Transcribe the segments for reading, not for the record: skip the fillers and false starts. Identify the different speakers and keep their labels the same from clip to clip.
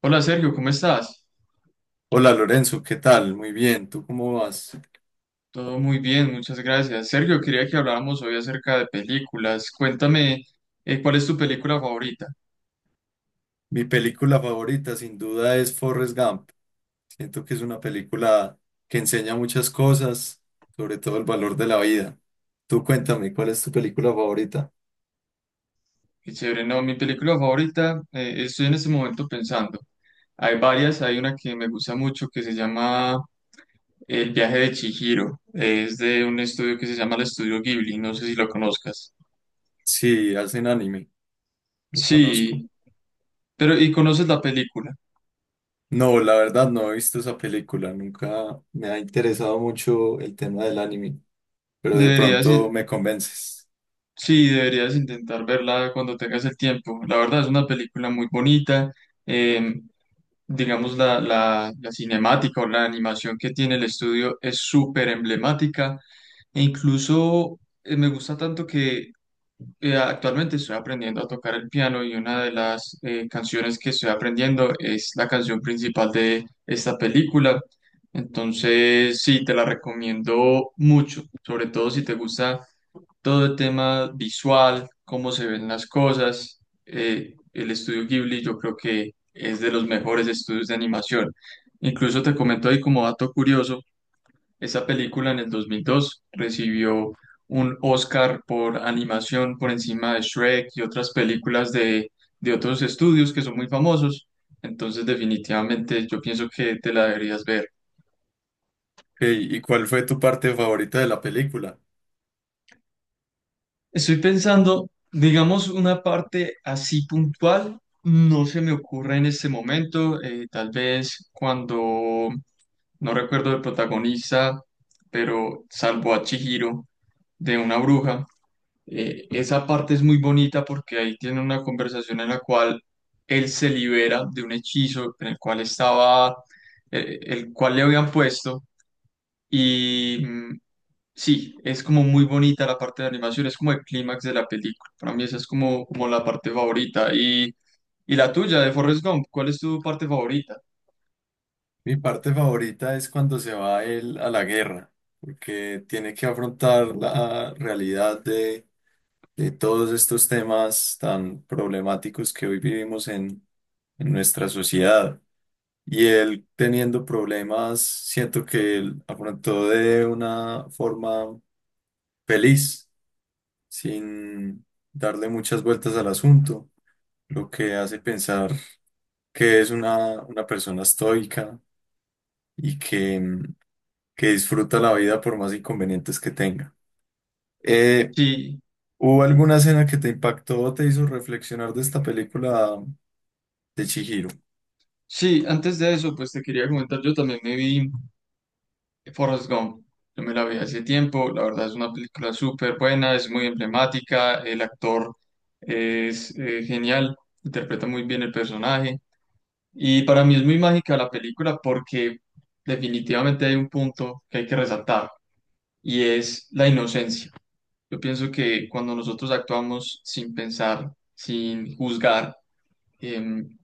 Speaker 1: Hola Sergio, ¿cómo estás?
Speaker 2: Hola Lorenzo, ¿qué tal? Muy bien, ¿tú cómo vas?
Speaker 1: Todo muy bien, muchas gracias. Sergio, quería que habláramos hoy acerca de películas. Cuéntame, ¿cuál es tu película favorita?
Speaker 2: Mi película favorita sin duda es Forrest Gump. Siento que es una película que enseña muchas cosas, sobre todo el valor de la vida. Tú cuéntame, ¿cuál es tu película favorita?
Speaker 1: Qué chévere, no, mi película favorita, estoy en este momento pensando. Hay varias, hay una que me gusta mucho que se llama El viaje de Chihiro. Es de un estudio que se llama el Estudio Ghibli, no sé si lo conozcas.
Speaker 2: Sí, hacen anime, lo conozco.
Speaker 1: Sí, pero ¿y conoces la película?
Speaker 2: No, la verdad no he visto esa película, nunca me ha interesado mucho el tema del anime, pero de
Speaker 1: Deberías.
Speaker 2: pronto me convences.
Speaker 1: Sí, deberías intentar verla cuando tengas el tiempo. La verdad es una película muy bonita. eh, digamos, la cinemática o la animación que tiene el estudio es súper emblemática e incluso me gusta tanto que actualmente estoy aprendiendo a tocar el piano y una de las canciones que estoy aprendiendo es la canción principal de esta película. Entonces, sí, te la recomiendo mucho, sobre todo si te gusta todo el tema visual, cómo se ven las cosas. El estudio Ghibli yo creo que es de los mejores estudios de animación. Incluso te comento ahí como dato curioso, esa película en el 2002 recibió un Oscar por animación por encima de Shrek y otras películas de otros estudios que son muy famosos. Entonces definitivamente yo pienso que te la deberías ver.
Speaker 2: Ey, ¿y cuál fue tu parte favorita de la película?
Speaker 1: Estoy pensando, digamos, una parte así puntual, no se me ocurre en este momento, tal vez no recuerdo el protagonista, pero salvo a Chihiro de una bruja. Esa parte es muy bonita porque ahí tiene una conversación en la cual él se libera de un hechizo en el cual estaba, el cual le habían puesto. y mm, sí, es como muy bonita la parte de animación, es como el clímax de la película. Para mí esa es como, como la parte favorita. Y la tuya, de Forrest Gump, ¿cuál es tu parte favorita?
Speaker 2: Mi parte favorita es cuando se va él a la guerra, porque tiene que afrontar la realidad de todos estos temas tan problemáticos que hoy vivimos en nuestra sociedad. Y él teniendo problemas, siento que él afrontó de una forma feliz, sin darle muchas vueltas al asunto, lo que hace pensar que es una persona estoica y que que disfruta la vida por más inconvenientes que tenga. Eh,
Speaker 1: Sí,
Speaker 2: ¿Hubo alguna escena que te impactó o te hizo reflexionar de esta película de Chihiro?
Speaker 1: sí, antes de eso, pues te quería comentar, yo también me vi Forrest Gump. Yo me la vi hace tiempo, la verdad es una película súper buena, es muy emblemática, el actor es genial, interpreta muy bien el personaje. Y para mí es muy mágica la película porque definitivamente hay un punto que hay que resaltar y es la inocencia. Yo pienso que cuando nosotros actuamos sin pensar, sin juzgar, em,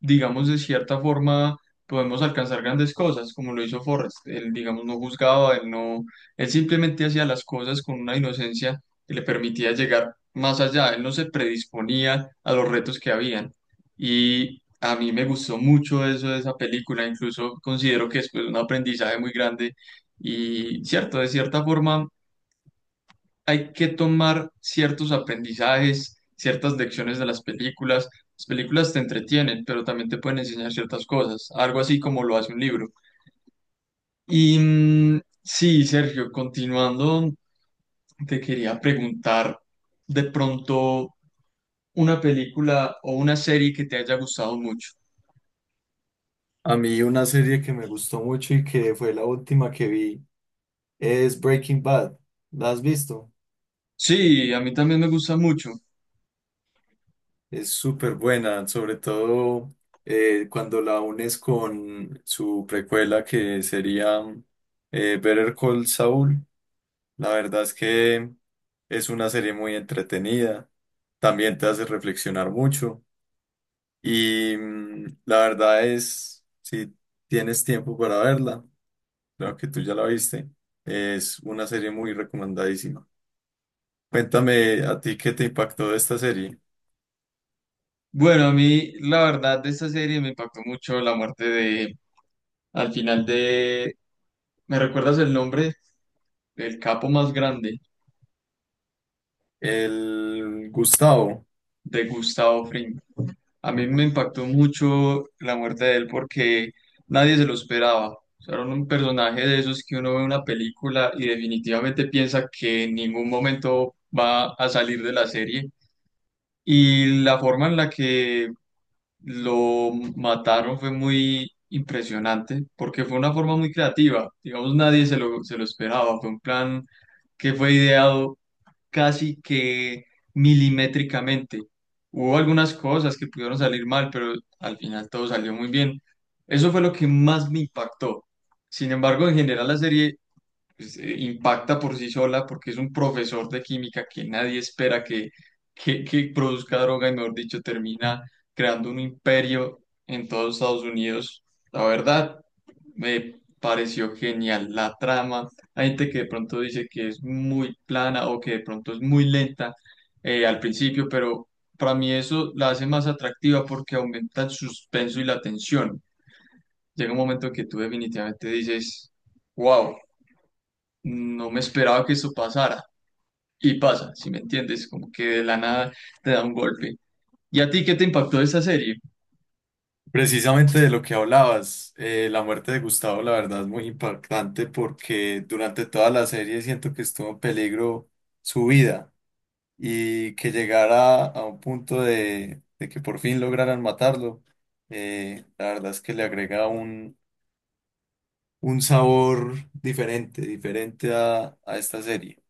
Speaker 1: digamos, de cierta forma podemos alcanzar grandes cosas, como lo hizo Forrest. Él, digamos, no juzgaba, él no, él simplemente hacía las cosas con una inocencia que le permitía llegar más allá. Él no se predisponía a los retos que habían. Y a mí me gustó mucho eso de esa película, incluso considero que es, pues, un aprendizaje muy grande. Y cierto, de cierta forma hay que tomar ciertos aprendizajes, ciertas lecciones de las películas. Las películas te entretienen, pero también te pueden enseñar ciertas cosas, algo así como lo hace un libro. Sí, Sergio, continuando, te quería preguntar de pronto una película o una serie que te haya gustado mucho.
Speaker 2: A mí una serie que me gustó mucho y que fue la última que vi es Breaking Bad. ¿La has visto?
Speaker 1: Sí, a mí también me gusta mucho.
Speaker 2: Es súper buena, sobre todo cuando la unes con su precuela que sería Better Call Saul. La verdad es que es una serie muy entretenida, también te hace reflexionar mucho y la verdad es, si tienes tiempo para verla, creo que tú ya la viste, es una serie muy recomendadísima. Cuéntame a ti qué te impactó de esta serie.
Speaker 1: Bueno, a mí la verdad de esta serie me impactó mucho la muerte al final de, ¿me recuerdas el nombre del capo más grande
Speaker 2: El Gustavo,
Speaker 1: de Gustavo Fring? A mí me impactó mucho la muerte de él porque nadie se lo esperaba. O sea, era un personaje de esos que uno ve en una película y definitivamente piensa que en ningún momento va a salir de la serie. Y la forma en la que lo mataron fue muy impresionante porque fue una forma muy creativa. Digamos, nadie se lo esperaba. Fue un plan que fue ideado casi que milimétricamente. Hubo algunas cosas que pudieron salir mal, pero al final todo salió muy bien. Eso fue lo que más me impactó. Sin embargo, en general la serie pues, impacta por sí sola porque es un profesor de química que nadie espera que produzca droga y mejor dicho termina creando un imperio en todos Estados Unidos. La verdad, me pareció genial la trama. Hay gente que de pronto dice que es muy plana o que de pronto es muy lenta al principio, pero para mí eso la hace más atractiva porque aumenta el suspenso y la tensión. Llega un momento que tú definitivamente dices, wow, no me esperaba que esto pasara. Y pasa, si me entiendes, como que de la nada te da un golpe. ¿Y a ti qué te impactó de esta serie?
Speaker 2: precisamente de lo que hablabas, la muerte de Gustavo la verdad es muy impactante porque durante toda la serie siento que estuvo en peligro su vida y que llegara a un punto de que por fin lograran matarlo, la verdad es que le agrega un sabor diferente, diferente a esta serie.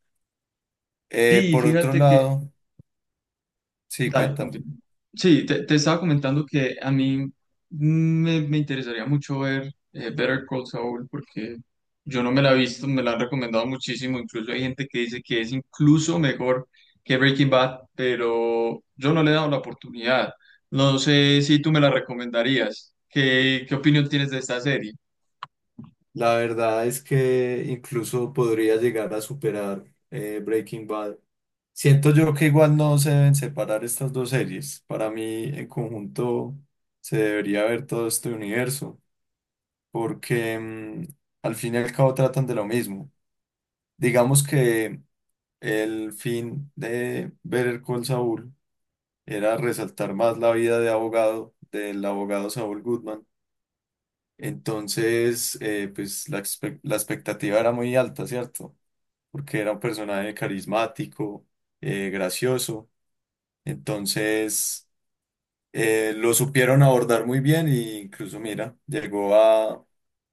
Speaker 1: Sí,
Speaker 2: Por otro
Speaker 1: fíjate que...
Speaker 2: lado, sí,
Speaker 1: Dale,
Speaker 2: cuéntame.
Speaker 1: continúa. Sí, te estaba comentando que a mí me interesaría mucho ver Better Call Saul porque yo no me la he visto, me la han recomendado muchísimo, incluso hay gente que dice que es incluso mejor que Breaking Bad, pero yo no le he dado la oportunidad. No sé si tú me la recomendarías. ¿Qué opinión tienes de esta serie?
Speaker 2: La verdad es que incluso podría llegar a superar Breaking Bad. Siento yo que igual no se deben separar estas dos series. Para mí, en conjunto, se debería ver todo este universo. Porque al fin y al cabo tratan de lo mismo. Digamos que el fin de Better Call Saul era resaltar más la vida de abogado, del abogado Saul Goodman. Entonces, pues la, expe- la expectativa era muy alta, ¿cierto? Porque era un personaje carismático, gracioso. Entonces... lo supieron abordar muy bien e incluso, mira, llegó a,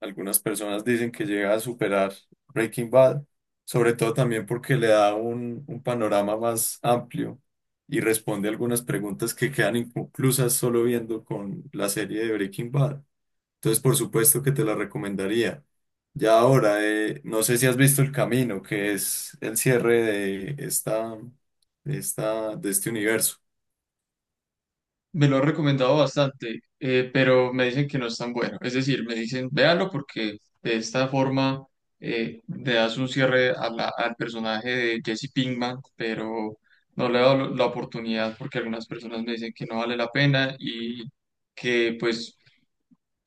Speaker 2: algunas personas dicen que llega a superar Breaking Bad, sobre todo también porque le da un panorama más amplio y responde algunas preguntas que quedan inconclusas solo viendo con la serie de Breaking Bad. Entonces, por supuesto que te la recomendaría. Ya ahora, no sé si has visto El Camino, que es el cierre de esta, de esta, de este universo.
Speaker 1: Me lo han recomendado bastante, pero me dicen que no es tan bueno. Es decir, me dicen, véalo porque de esta forma le das un cierre a al personaje de Jesse Pinkman, pero no le he dado la oportunidad porque algunas personas me dicen que no vale la pena y que pues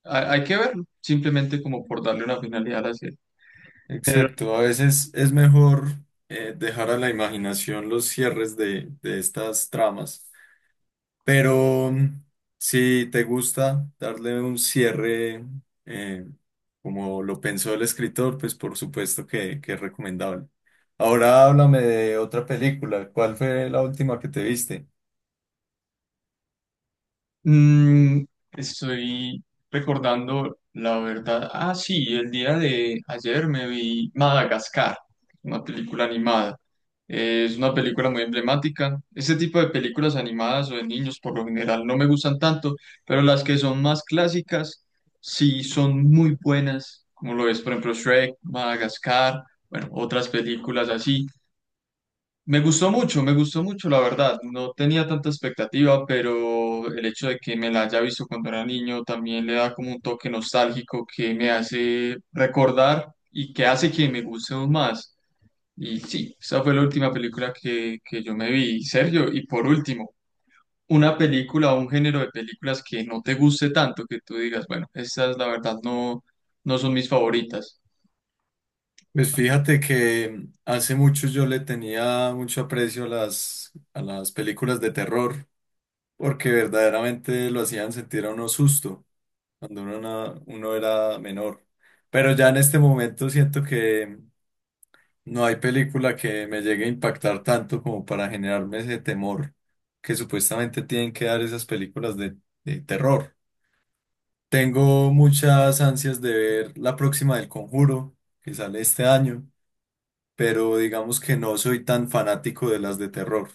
Speaker 1: hay que verlo, simplemente como por darle una finalidad a la serie.
Speaker 2: Exacto, a veces es mejor dejar a la imaginación los cierres de estas tramas, pero si te gusta darle un cierre eh, como lo pensó el escritor, pues por supuesto que es recomendable. Ahora háblame de otra película, ¿cuál fue la última que te viste?
Speaker 1: Mm, Estoy recordando la verdad. Ah, sí, el día de ayer me vi Madagascar, una película animada. Es una película muy emblemática. Ese tipo de películas animadas o de niños por lo general no me gustan tanto, pero las que son más clásicas sí son muy buenas, como lo es, por ejemplo, Shrek, Madagascar, bueno, otras películas así. Me gustó mucho, la verdad. No tenía tanta expectativa, pero el hecho de que me la haya visto cuando era niño también le da como un toque nostálgico que me hace recordar y que hace que me guste aún más. Y sí, esa fue la última película que yo me vi, Sergio. Y por último, una película o un género de películas que no te guste tanto, que tú digas, bueno, estas la verdad no, no son mis favoritas.
Speaker 2: Pues fíjate que hace mucho yo le tenía mucho aprecio a las películas de terror. Porque verdaderamente lo hacían sentir a uno susto cuando uno, na- uno era menor. Pero ya en este momento siento que no hay película que me llegue a impactar tanto como para generarme ese temor que supuestamente tienen que dar esas películas de terror. Tengo muchas ansias de ver la próxima del Conjuro, que sale este año, pero digamos que no soy tan fanático de las de terror.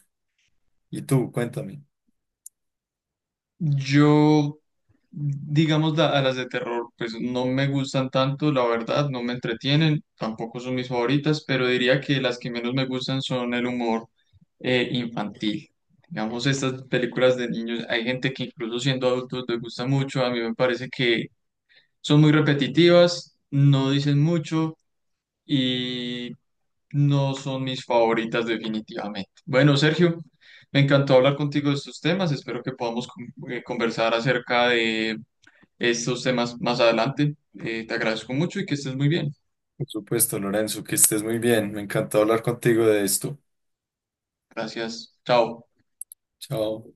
Speaker 2: ¿Y tú? Cuéntame.
Speaker 1: Yo, digamos, a las de terror, pues no me gustan tanto, la verdad, no me entretienen, tampoco son mis favoritas, pero diría que las que menos me gustan son el humor infantil. Digamos, estas películas de niños, hay gente que incluso siendo adultos les gusta mucho, a mí me parece que son muy repetitivas, no dicen mucho y no son mis favoritas definitivamente. Bueno, Sergio, me encantó hablar contigo de estos temas. Espero que podamos conversar acerca de estos temas más adelante. Te agradezco mucho y que estés muy bien.
Speaker 2: Por supuesto, Lorenzo, que estés muy bien. Me encantó hablar contigo de esto.
Speaker 1: Gracias. Chao.
Speaker 2: Chao.